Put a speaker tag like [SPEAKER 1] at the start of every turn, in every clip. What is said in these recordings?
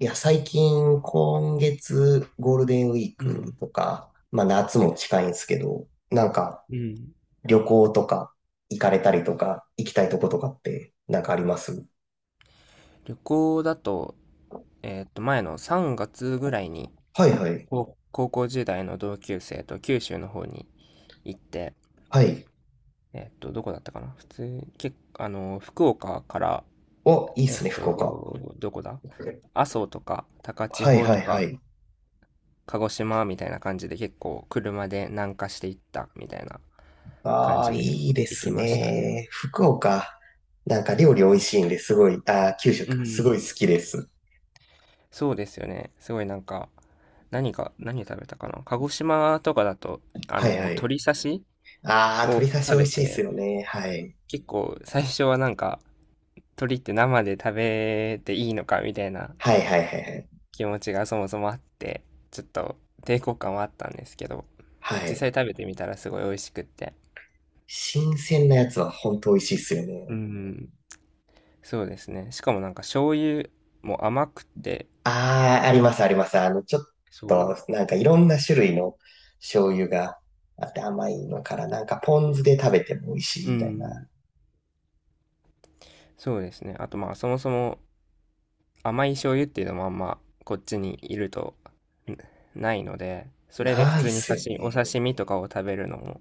[SPEAKER 1] いや、最近、今月、ゴールデンウィー
[SPEAKER 2] う
[SPEAKER 1] ク
[SPEAKER 2] ん。
[SPEAKER 1] とか、まあ夏も近いんですけど、なんか
[SPEAKER 2] うん。
[SPEAKER 1] 旅行とか行かれたりとか、行きたいとことかってなんかあります？
[SPEAKER 2] 旅行だと、前の3月ぐらいに、
[SPEAKER 1] はいはい。
[SPEAKER 2] 高校時代の同級生と九州の方に行って、
[SPEAKER 1] はい。
[SPEAKER 2] どこだったかな。普通、け、あの、福岡から、
[SPEAKER 1] お、いいっすね、福岡。
[SPEAKER 2] どこだ、阿蘇とか、高千
[SPEAKER 1] はい
[SPEAKER 2] 穂
[SPEAKER 1] はい
[SPEAKER 2] と
[SPEAKER 1] は
[SPEAKER 2] か、
[SPEAKER 1] い。
[SPEAKER 2] 鹿児島みたいな感じで結構車で南下していったみたいな感
[SPEAKER 1] ああ、
[SPEAKER 2] じで
[SPEAKER 1] いいで
[SPEAKER 2] 行き
[SPEAKER 1] す
[SPEAKER 2] ましたね。
[SPEAKER 1] ね。福岡。なんか料理美味しいんですごい、ああ、九州
[SPEAKER 2] う
[SPEAKER 1] か。す
[SPEAKER 2] ん。
[SPEAKER 1] ごい好きです。
[SPEAKER 2] そうですよね。すごいなんか、何か、何食べたかな。鹿児島とかだと、
[SPEAKER 1] はいはい。
[SPEAKER 2] 鶏刺し
[SPEAKER 1] ああ、
[SPEAKER 2] を
[SPEAKER 1] 鶏刺し
[SPEAKER 2] 食
[SPEAKER 1] 美
[SPEAKER 2] べ
[SPEAKER 1] 味しいっす
[SPEAKER 2] て、
[SPEAKER 1] よね。はい。
[SPEAKER 2] 結構最初はなんか、鶏って生で食べていいのかみたいな
[SPEAKER 1] はいはいはいはい。
[SPEAKER 2] 気持ちがそもそもあって、ちょっと抵抗感はあったんですけど、
[SPEAKER 1] は
[SPEAKER 2] 実
[SPEAKER 1] い。
[SPEAKER 2] 際食べてみたらすごい美味しくって。
[SPEAKER 1] 新鮮なやつは本当美味しいっすよ
[SPEAKER 2] う
[SPEAKER 1] ね。
[SPEAKER 2] ん、そうですね。しかもなんか醤油も甘くて、
[SPEAKER 1] ああ、あります、あります。あの、ちょっと、
[SPEAKER 2] そ
[SPEAKER 1] なんかいろんな種類の醤油があって甘いのから、なんかポン酢で食べても美味し
[SPEAKER 2] う、
[SPEAKER 1] い
[SPEAKER 2] う
[SPEAKER 1] みたいな。
[SPEAKER 2] ん、そうですね。あとまあそもそも甘い醤油っていうのもあんまこっちにいるとんないので、それで普
[SPEAKER 1] ないっ
[SPEAKER 2] 通に
[SPEAKER 1] すよ
[SPEAKER 2] 刺身、お
[SPEAKER 1] ね。
[SPEAKER 2] 刺身とかを食べるのも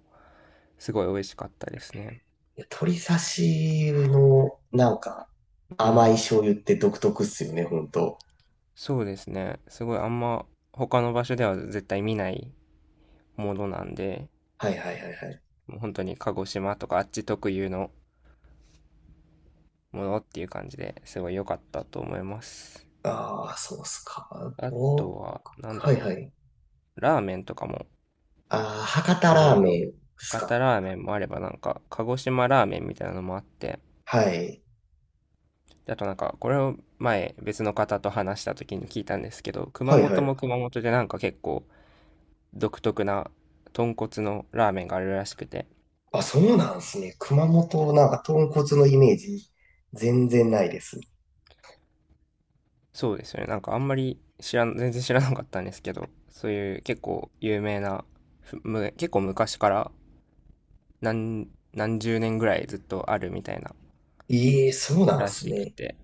[SPEAKER 2] すごい美味しかったですね。
[SPEAKER 1] いや、鶏刺しの、なんか
[SPEAKER 2] う
[SPEAKER 1] 甘い
[SPEAKER 2] ん。
[SPEAKER 1] 醤油って独特っすよね、本当。
[SPEAKER 2] そうですね。すごいあんま他の場所では絶対見ないものなんで、
[SPEAKER 1] はいはいはいはい。
[SPEAKER 2] もう本当に鹿児島とかあっち特有のものっていう感じですごい良かったと思います。
[SPEAKER 1] ああ、そうっすか。
[SPEAKER 2] あと
[SPEAKER 1] お、
[SPEAKER 2] は、なんだ
[SPEAKER 1] はい
[SPEAKER 2] ろ
[SPEAKER 1] はい。
[SPEAKER 2] う、ラーメンとかも
[SPEAKER 1] ああ、博多
[SPEAKER 2] いろ
[SPEAKER 1] ラ
[SPEAKER 2] い
[SPEAKER 1] ー
[SPEAKER 2] ろ、
[SPEAKER 1] メンっす
[SPEAKER 2] 博
[SPEAKER 1] か。
[SPEAKER 2] 多ラーメンもあればなんか鹿児島ラーメンみたいなのもあって、
[SPEAKER 1] はい。
[SPEAKER 2] あとなんか、これを前別の方と話した時に聞いたんですけど、熊
[SPEAKER 1] はいは
[SPEAKER 2] 本
[SPEAKER 1] い。
[SPEAKER 2] も熊本でなんか結構独特な豚骨のラーメンがあるらしくて、
[SPEAKER 1] あ、そうなんすね。熊本、なんか豚骨のイメージ全然ないです。
[SPEAKER 2] そうですよね。なんかあんまり知らん、全然知らなかったんですけど、そういう結構有名な、ふむ、結構昔から何、何十年ぐらいずっとあるみたいな
[SPEAKER 1] ええ、そうなん
[SPEAKER 2] ら
[SPEAKER 1] す
[SPEAKER 2] しく
[SPEAKER 1] ね。
[SPEAKER 2] て、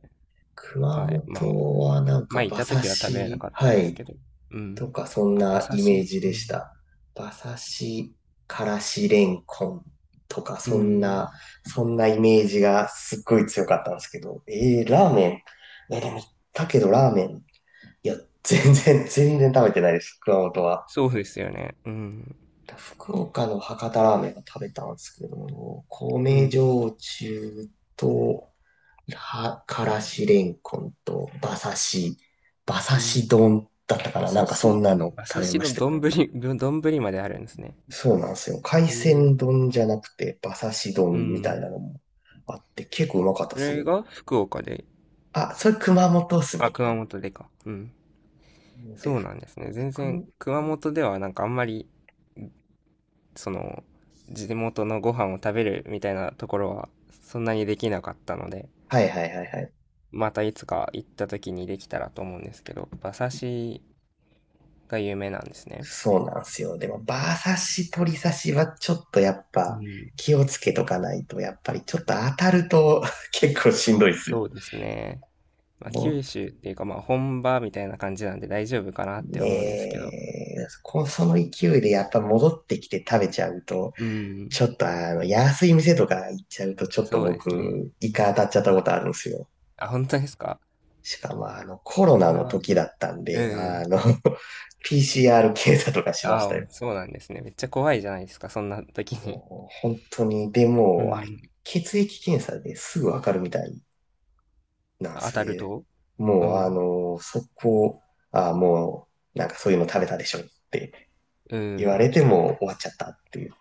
[SPEAKER 1] 熊
[SPEAKER 2] はい。まあ、
[SPEAKER 1] 本はなんか
[SPEAKER 2] 前い
[SPEAKER 1] 馬
[SPEAKER 2] た
[SPEAKER 1] 刺
[SPEAKER 2] 時は食べれな
[SPEAKER 1] し、
[SPEAKER 2] かったん
[SPEAKER 1] は
[SPEAKER 2] です
[SPEAKER 1] い、
[SPEAKER 2] けど、う
[SPEAKER 1] と
[SPEAKER 2] ん。
[SPEAKER 1] かそん
[SPEAKER 2] あ、馬
[SPEAKER 1] な
[SPEAKER 2] 刺
[SPEAKER 1] イメー
[SPEAKER 2] し、
[SPEAKER 1] ジ
[SPEAKER 2] う
[SPEAKER 1] で
[SPEAKER 2] ん。
[SPEAKER 1] した。馬刺し、からしれんこんとか
[SPEAKER 2] う
[SPEAKER 1] そん
[SPEAKER 2] ん。
[SPEAKER 1] な、そんなイメージがすっごい強かったんですけど、ええ、ラーメン。え、でも、だけどラーメン。いや、全然、全然食べてないです、熊本は。
[SPEAKER 2] そうですよね。うん。
[SPEAKER 1] 福岡の博多ラーメンが食べたんですけども、
[SPEAKER 2] う
[SPEAKER 1] 米
[SPEAKER 2] ん。
[SPEAKER 1] 焼酎と、はからしれんこんと、馬刺し、馬
[SPEAKER 2] う
[SPEAKER 1] 刺
[SPEAKER 2] ん。
[SPEAKER 1] し丼だったか
[SPEAKER 2] 馬
[SPEAKER 1] なな
[SPEAKER 2] 刺
[SPEAKER 1] んかそん
[SPEAKER 2] し、
[SPEAKER 1] なの
[SPEAKER 2] 馬
[SPEAKER 1] 食
[SPEAKER 2] 刺
[SPEAKER 1] べ
[SPEAKER 2] し
[SPEAKER 1] まし
[SPEAKER 2] の
[SPEAKER 1] た。
[SPEAKER 2] 丼、丼まであるんですね。
[SPEAKER 1] そうなんですよ。海
[SPEAKER 2] えー、
[SPEAKER 1] 鮮丼じゃなくて、馬刺し
[SPEAKER 2] う
[SPEAKER 1] 丼みたい
[SPEAKER 2] ん。
[SPEAKER 1] なのもあって、結構うまかった
[SPEAKER 2] そ
[SPEAKER 1] です
[SPEAKER 2] れ
[SPEAKER 1] よ。
[SPEAKER 2] が福岡で、
[SPEAKER 1] あ、それ熊本っす
[SPEAKER 2] あ、
[SPEAKER 1] ね。
[SPEAKER 2] 熊本でか。うん。
[SPEAKER 1] で、
[SPEAKER 2] そうなんですね。全然、
[SPEAKER 1] 福、
[SPEAKER 2] 熊本ではなんかあんまり、その、地元のご飯を食べるみたいなところは、そんなにできなかったので、
[SPEAKER 1] はいはいはいはい。
[SPEAKER 2] またいつか行った時にできたらと思うんですけど、馬刺しが有名なんですね。
[SPEAKER 1] そうなんですよ。でも、バー刺し、取り刺しはちょっとやっ
[SPEAKER 2] う
[SPEAKER 1] ぱ
[SPEAKER 2] ん。
[SPEAKER 1] 気をつけとかないと、やっぱりちょっと当たると 結構しんどいっすよ。
[SPEAKER 2] そうですね。まあ、
[SPEAKER 1] もう
[SPEAKER 2] 九州っていうかまあ本場みたいな感じなんで大丈夫かなって思うんですけ
[SPEAKER 1] ね
[SPEAKER 2] ど。
[SPEAKER 1] え、こその勢いでやっぱ戻ってきて食べちゃうと、
[SPEAKER 2] うん。
[SPEAKER 1] ちょっとあの、安い店とか行っちゃうと、ちょっと
[SPEAKER 2] そうですね。
[SPEAKER 1] 僕、イカ当たっちゃったことあるんですよ。
[SPEAKER 2] あ、本当ですか、
[SPEAKER 1] しかもあの、コロ
[SPEAKER 2] そ
[SPEAKER 1] ナ
[SPEAKER 2] れ
[SPEAKER 1] の
[SPEAKER 2] は。
[SPEAKER 1] 時だったん
[SPEAKER 2] う
[SPEAKER 1] で、あ
[SPEAKER 2] ん。
[SPEAKER 1] の、PCR 検査とかしました
[SPEAKER 2] ああ、
[SPEAKER 1] よ。
[SPEAKER 2] そうなんですね。めっちゃ怖いじゃないですか、そんな時に。
[SPEAKER 1] お本当に、で
[SPEAKER 2] う
[SPEAKER 1] も、あれ、
[SPEAKER 2] ん。
[SPEAKER 1] 血液検査ですぐわかるみたいなんで
[SPEAKER 2] 当
[SPEAKER 1] す
[SPEAKER 2] たる
[SPEAKER 1] ね。
[SPEAKER 2] と、う
[SPEAKER 1] もう、あ
[SPEAKER 2] ん。
[SPEAKER 1] の、そこ、あ、もう、なんかそういうの食べたでしょって
[SPEAKER 2] う
[SPEAKER 1] 言われ
[SPEAKER 2] ん。
[SPEAKER 1] ても終わっちゃったっていう。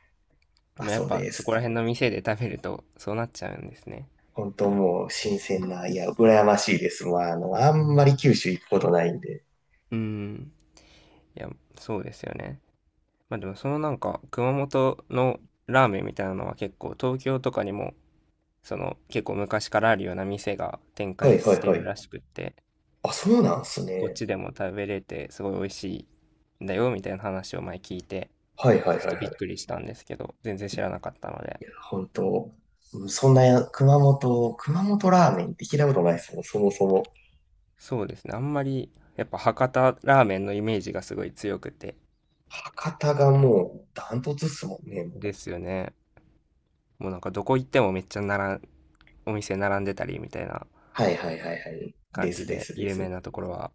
[SPEAKER 1] まあ、
[SPEAKER 2] まあ、やっ
[SPEAKER 1] そう
[SPEAKER 2] ぱ
[SPEAKER 1] で
[SPEAKER 2] そ
[SPEAKER 1] す
[SPEAKER 2] こら
[SPEAKER 1] っ
[SPEAKER 2] 辺
[SPEAKER 1] て。
[SPEAKER 2] の店で食べるとそうなっちゃうんですね。
[SPEAKER 1] 本当もう新鮮な、いや、羨ましいです。まあ、あの、あ
[SPEAKER 2] う
[SPEAKER 1] んまり
[SPEAKER 2] ん。
[SPEAKER 1] 九州行くことないんで。
[SPEAKER 2] うん、いや、そうですよね。まあでもそのなんか熊本のラーメンみたいなのは結構東京とかにもその結構昔からあるような店が展
[SPEAKER 1] は
[SPEAKER 2] 開
[SPEAKER 1] いは
[SPEAKER 2] し
[SPEAKER 1] い
[SPEAKER 2] て
[SPEAKER 1] は
[SPEAKER 2] る
[SPEAKER 1] い。
[SPEAKER 2] らしくって、
[SPEAKER 1] あ、そうなんです
[SPEAKER 2] こっ
[SPEAKER 1] ね。
[SPEAKER 2] ちでも食べれてすごい美味しいんだよみたいな話を前聞いて、
[SPEAKER 1] はいはい
[SPEAKER 2] ち
[SPEAKER 1] は
[SPEAKER 2] ょ
[SPEAKER 1] い
[SPEAKER 2] っ
[SPEAKER 1] は
[SPEAKER 2] と
[SPEAKER 1] い。
[SPEAKER 2] びっくりしたんですけど全然知らなかったので。
[SPEAKER 1] 本当、うんそんなや、熊本ラーメンって聞いたことないですもん、そもそも。
[SPEAKER 2] そうですね、あんまりやっぱ博多ラーメンのイメージがすごい強くて。
[SPEAKER 1] 博多がもうダントツっすもんね、も
[SPEAKER 2] で
[SPEAKER 1] う。
[SPEAKER 2] すよね。もうなんかどこ行ってもめっちゃなら、お店並んでたりみたいな
[SPEAKER 1] はいはいはいはい。で
[SPEAKER 2] 感
[SPEAKER 1] す
[SPEAKER 2] じ
[SPEAKER 1] で
[SPEAKER 2] で
[SPEAKER 1] すで
[SPEAKER 2] 有名
[SPEAKER 1] す。
[SPEAKER 2] なところは、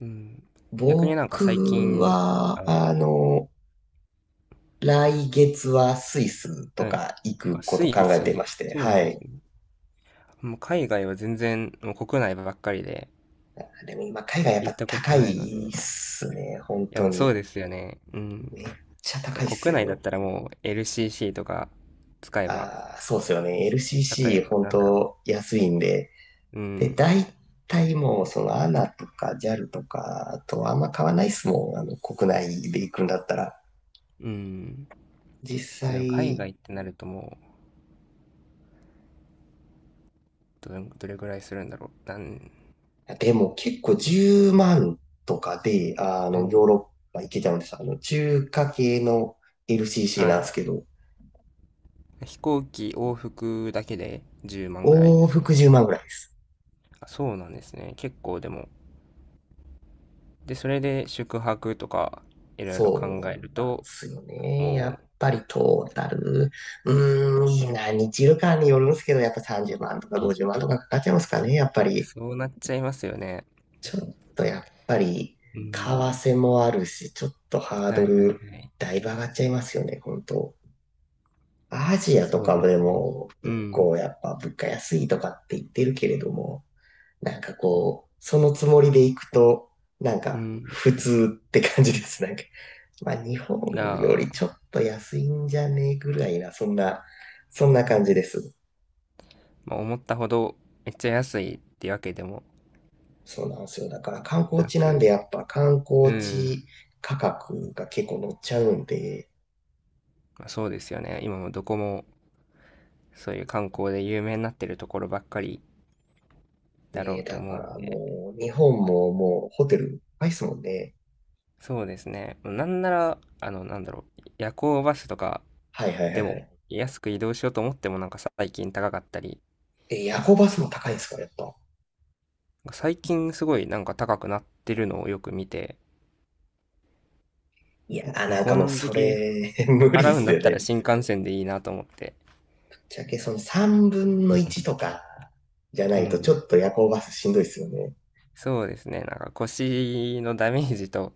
[SPEAKER 2] うん、逆になんか最
[SPEAKER 1] 僕
[SPEAKER 2] 近、
[SPEAKER 1] は、
[SPEAKER 2] あ、
[SPEAKER 1] あの、来月はスイスと
[SPEAKER 2] はい、
[SPEAKER 1] か行く
[SPEAKER 2] あ、
[SPEAKER 1] こ
[SPEAKER 2] ス
[SPEAKER 1] と
[SPEAKER 2] イ
[SPEAKER 1] 考え
[SPEAKER 2] ス
[SPEAKER 1] ていま
[SPEAKER 2] に、
[SPEAKER 1] して、
[SPEAKER 2] そうな
[SPEAKER 1] は
[SPEAKER 2] んです
[SPEAKER 1] い。
[SPEAKER 2] ね。もう海外は全然、もう国内ばっかりで、
[SPEAKER 1] でも今、海外やっ
[SPEAKER 2] 行っ
[SPEAKER 1] ぱ
[SPEAKER 2] たこと
[SPEAKER 1] 高
[SPEAKER 2] ないので。
[SPEAKER 1] い
[SPEAKER 2] い
[SPEAKER 1] っすね、本
[SPEAKER 2] や、
[SPEAKER 1] 当
[SPEAKER 2] まあそ
[SPEAKER 1] に。
[SPEAKER 2] うですよね。うん。
[SPEAKER 1] めっちゃ
[SPEAKER 2] なんか
[SPEAKER 1] 高いっす
[SPEAKER 2] 国内だっ
[SPEAKER 1] よ。
[SPEAKER 2] たらもう LCC とか使えば、
[SPEAKER 1] ああ、そうっすよね。
[SPEAKER 2] 例え
[SPEAKER 1] LCC、
[SPEAKER 2] ば、
[SPEAKER 1] 本
[SPEAKER 2] なんだろ
[SPEAKER 1] 当安いんで。
[SPEAKER 2] う。う
[SPEAKER 1] で、
[SPEAKER 2] ん。
[SPEAKER 1] 大体もう、その ANA とか JAL とかとあんま買わないっすもん。あの、国内で行くんだったら。
[SPEAKER 2] うん。
[SPEAKER 1] 実
[SPEAKER 2] でも海
[SPEAKER 1] 際、
[SPEAKER 2] 外ってなるともう、どれぐらいするんだろう。なん、
[SPEAKER 1] でも結構10万とかで、あ
[SPEAKER 2] う
[SPEAKER 1] の、ヨー
[SPEAKER 2] ん。
[SPEAKER 1] ロッパ行けちゃうんです。あの、中華系の LCC
[SPEAKER 2] は
[SPEAKER 1] なんで
[SPEAKER 2] い。
[SPEAKER 1] すけど、
[SPEAKER 2] 飛行機往復だけで10万ぐらい。
[SPEAKER 1] 往復10万ぐらいです。
[SPEAKER 2] あ、そうなんですね。結構でも。で、それで宿泊とか、いろいろ考え
[SPEAKER 1] そ
[SPEAKER 2] る
[SPEAKER 1] うなんで
[SPEAKER 2] と、
[SPEAKER 1] すよね。やっ
[SPEAKER 2] も
[SPEAKER 1] ぱりトータル、何日いるかによるんですけど、やっぱ30万とか50万とかかかっちゃいますかね、やっぱ
[SPEAKER 2] う、
[SPEAKER 1] り。
[SPEAKER 2] そうなっちゃいますよね。
[SPEAKER 1] ちょっとやっぱり、
[SPEAKER 2] うー
[SPEAKER 1] 為
[SPEAKER 2] ん。
[SPEAKER 1] 替もあるし、ちょっとハー
[SPEAKER 2] は
[SPEAKER 1] ド
[SPEAKER 2] いはいは
[SPEAKER 1] ル、
[SPEAKER 2] い。
[SPEAKER 1] だいぶ上がっちゃいますよね、本当。アジアと
[SPEAKER 2] そう
[SPEAKER 1] か
[SPEAKER 2] です
[SPEAKER 1] で
[SPEAKER 2] ね。
[SPEAKER 1] も
[SPEAKER 2] う
[SPEAKER 1] 結
[SPEAKER 2] ん。
[SPEAKER 1] 構やっぱ物価安いとかって言ってるけれども、なんかこう、そのつもりで行くと、なん
[SPEAKER 2] う
[SPEAKER 1] か
[SPEAKER 2] ん。
[SPEAKER 1] 普通って感じです。なんか、まあ日本よ
[SPEAKER 2] が、
[SPEAKER 1] りちょっと安いんじゃねえぐらいな、そんな、そんな感じです。
[SPEAKER 2] まあ、思ったほどめっちゃ安いってわけでも
[SPEAKER 1] そうなんですよ。だから観光
[SPEAKER 2] な
[SPEAKER 1] 地なんで
[SPEAKER 2] く、
[SPEAKER 1] やっぱ観
[SPEAKER 2] う
[SPEAKER 1] 光
[SPEAKER 2] ん。
[SPEAKER 1] 地価格が結構乗っちゃうんで、
[SPEAKER 2] まあ、そうですよね。今もどこもそういう観光で有名になってるところばっかりだろ
[SPEAKER 1] ねえ、
[SPEAKER 2] うと
[SPEAKER 1] だか
[SPEAKER 2] 思うん
[SPEAKER 1] ら
[SPEAKER 2] で、
[SPEAKER 1] もう日本ももうホテル高いっすもんね。
[SPEAKER 2] そうですね。なんなら、なんだろう、夜行バスとか
[SPEAKER 1] はいはいは
[SPEAKER 2] で
[SPEAKER 1] い
[SPEAKER 2] も
[SPEAKER 1] はい。
[SPEAKER 2] 安く移動しようと思ってもなんか最近高かったり、
[SPEAKER 1] え、夜行バスも高いんですか、やっぱ。
[SPEAKER 2] 最近すごいなんか高くなってるのをよく見て、
[SPEAKER 1] いやー、なん
[SPEAKER 2] こ
[SPEAKER 1] かもう
[SPEAKER 2] の
[SPEAKER 1] そ
[SPEAKER 2] 時
[SPEAKER 1] れ、無理っ
[SPEAKER 2] 払うん
[SPEAKER 1] す
[SPEAKER 2] だ
[SPEAKER 1] よ
[SPEAKER 2] っ
[SPEAKER 1] ね。
[SPEAKER 2] たら
[SPEAKER 1] ぶ
[SPEAKER 2] 新幹線でいいなと思って。
[SPEAKER 1] っちゃけその3分の1とかじゃな
[SPEAKER 2] う
[SPEAKER 1] いとち
[SPEAKER 2] ん。
[SPEAKER 1] ょっと夜行バスしんどいっすよね。
[SPEAKER 2] そうですね。なんか腰のダメージと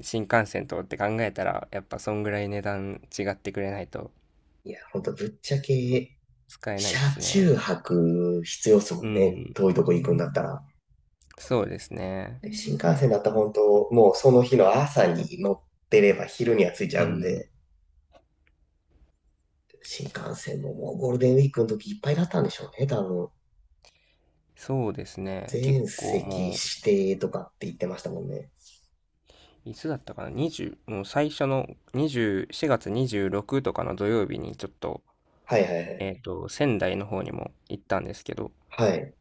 [SPEAKER 2] 新幹線とって考えたら、やっぱそんぐらい値段違ってくれないと
[SPEAKER 1] いや、ほんとぶっちゃけ、
[SPEAKER 2] 使えない
[SPEAKER 1] 車
[SPEAKER 2] っすね。
[SPEAKER 1] 中泊必要っす
[SPEAKER 2] う
[SPEAKER 1] もんね。
[SPEAKER 2] ん。
[SPEAKER 1] 遠いとこ行くんだったら。
[SPEAKER 2] そうですね。
[SPEAKER 1] で新幹線だったら本当、もうその日の朝に乗ってれば昼には着いち
[SPEAKER 2] う
[SPEAKER 1] ゃうん
[SPEAKER 2] ん。
[SPEAKER 1] で、新幹線ももうゴールデンウィークの時いっぱいだったんでしょうね、多分。
[SPEAKER 2] そうですね。結
[SPEAKER 1] 全
[SPEAKER 2] 構
[SPEAKER 1] 席指
[SPEAKER 2] もう、
[SPEAKER 1] 定とかって言ってましたもんね。
[SPEAKER 2] いつだったかな？ 20、もう最初の20、4月26とかの土曜日にちょっと、
[SPEAKER 1] はいはいはい。
[SPEAKER 2] 仙台の方にも行ったんですけど、
[SPEAKER 1] はい。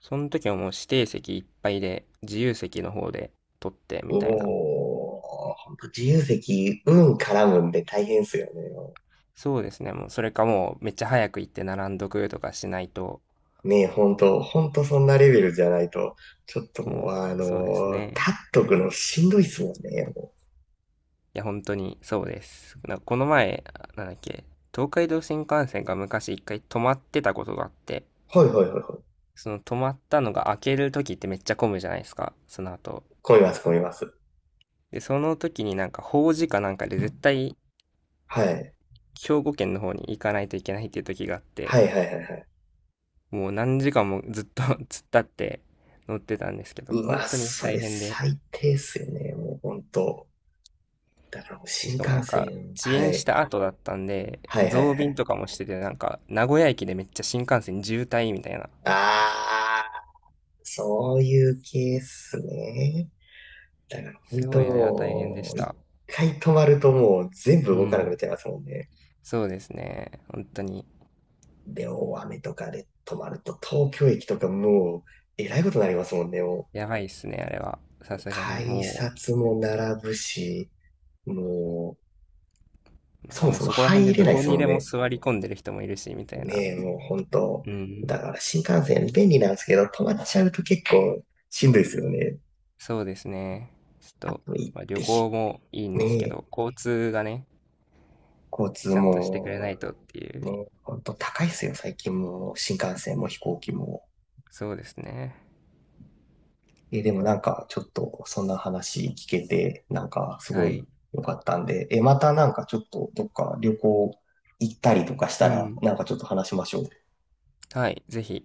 [SPEAKER 2] その時はもう指定席いっぱいで、自由席の方で取ってみたいな。
[SPEAKER 1] おー、ほんと自由席、運絡むんで大変っすよね。
[SPEAKER 2] そうですね。もうそれかもうめっちゃ早く行って並んどくとかしないと、
[SPEAKER 1] ねえ、ほんと、ほんとそんなレベルじゃないと、ちょっともう、
[SPEAKER 2] もう、そうですね。
[SPEAKER 1] 立っとくのしんどいっすもんね。も
[SPEAKER 2] いや、本当にそうです。なんかこの前、なんだっけ、東海道新幹線が昔一回止まってたことがあって、
[SPEAKER 1] うはいはいはいはい。
[SPEAKER 2] その止まったのが開ける時ってめっちゃ混むじゃないですか、その後。
[SPEAKER 1] 混みます、混みます。
[SPEAKER 2] で、その時になんか法事かなんかで絶対
[SPEAKER 1] はい。
[SPEAKER 2] 兵庫県の方に行かないといけないっていう時があって、
[SPEAKER 1] はいはいはいはい。
[SPEAKER 2] もう何時間もずっと 突っ立って乗ってたんですけど、
[SPEAKER 1] う
[SPEAKER 2] 本
[SPEAKER 1] わ、
[SPEAKER 2] 当に
[SPEAKER 1] そ
[SPEAKER 2] 大
[SPEAKER 1] れ
[SPEAKER 2] 変で、
[SPEAKER 1] 最低っすよね。もうほんと。だからもう新
[SPEAKER 2] しかもな
[SPEAKER 1] 幹
[SPEAKER 2] んか
[SPEAKER 1] 線。
[SPEAKER 2] 遅
[SPEAKER 1] は
[SPEAKER 2] 延し
[SPEAKER 1] い。
[SPEAKER 2] た後だったんで、
[SPEAKER 1] はいはい
[SPEAKER 2] 増
[SPEAKER 1] は
[SPEAKER 2] 便
[SPEAKER 1] い。
[SPEAKER 2] とかもしてて、なんか名古屋駅でめっちゃ新幹線渋滞みたいな、
[SPEAKER 1] あー、そういうケースね。だから本
[SPEAKER 2] すごいあれは大変で
[SPEAKER 1] 当、
[SPEAKER 2] し
[SPEAKER 1] 一
[SPEAKER 2] た。
[SPEAKER 1] 回止まるともう全部
[SPEAKER 2] う
[SPEAKER 1] 動かなくなっ
[SPEAKER 2] ん。
[SPEAKER 1] ちゃいますもんね。
[SPEAKER 2] そうですね。本当に、
[SPEAKER 1] で、大雨とかで止まると東京駅とかもうえらいことになりますもんね。も
[SPEAKER 2] やばいっすね、あれは。さ
[SPEAKER 1] う
[SPEAKER 2] すがに
[SPEAKER 1] 改
[SPEAKER 2] も
[SPEAKER 1] 札も並ぶし、もう
[SPEAKER 2] う、なん
[SPEAKER 1] そ
[SPEAKER 2] か
[SPEAKER 1] も
[SPEAKER 2] もう
[SPEAKER 1] そも
[SPEAKER 2] そこら辺
[SPEAKER 1] 入
[SPEAKER 2] で
[SPEAKER 1] れ
[SPEAKER 2] ど
[SPEAKER 1] ないで
[SPEAKER 2] こ
[SPEAKER 1] す
[SPEAKER 2] に
[SPEAKER 1] もん
[SPEAKER 2] でも
[SPEAKER 1] ね。
[SPEAKER 2] 座り込んでる人もいるし、みたいな。
[SPEAKER 1] ねえ、もう本当。
[SPEAKER 2] う
[SPEAKER 1] だ
[SPEAKER 2] ん。
[SPEAKER 1] から新幹線便利なんですけど、止まっちゃうと結構しんどいですよね。
[SPEAKER 2] そうですね。ちょっ
[SPEAKER 1] あ
[SPEAKER 2] と、
[SPEAKER 1] と行っ
[SPEAKER 2] まあ、旅
[SPEAKER 1] てひ、
[SPEAKER 2] 行もいいん
[SPEAKER 1] ね
[SPEAKER 2] ですけ
[SPEAKER 1] え、
[SPEAKER 2] ど、交通がね、
[SPEAKER 1] 交通
[SPEAKER 2] ちゃんとしてくれな
[SPEAKER 1] も、
[SPEAKER 2] いとっていう。
[SPEAKER 1] ねえ、本当高いですよ、最近も。新幹線も飛行機も。
[SPEAKER 2] そうですね。
[SPEAKER 1] え、でもなんか、ちょっと、そんな話聞けて、なんか、すご
[SPEAKER 2] は
[SPEAKER 1] い
[SPEAKER 2] い。
[SPEAKER 1] 良かったんで、え、またなんかちょっと、どっか旅行行ったりとかし
[SPEAKER 2] う
[SPEAKER 1] たら、
[SPEAKER 2] ん。
[SPEAKER 1] なんかちょっと話しましょう。
[SPEAKER 2] はい。ぜひ、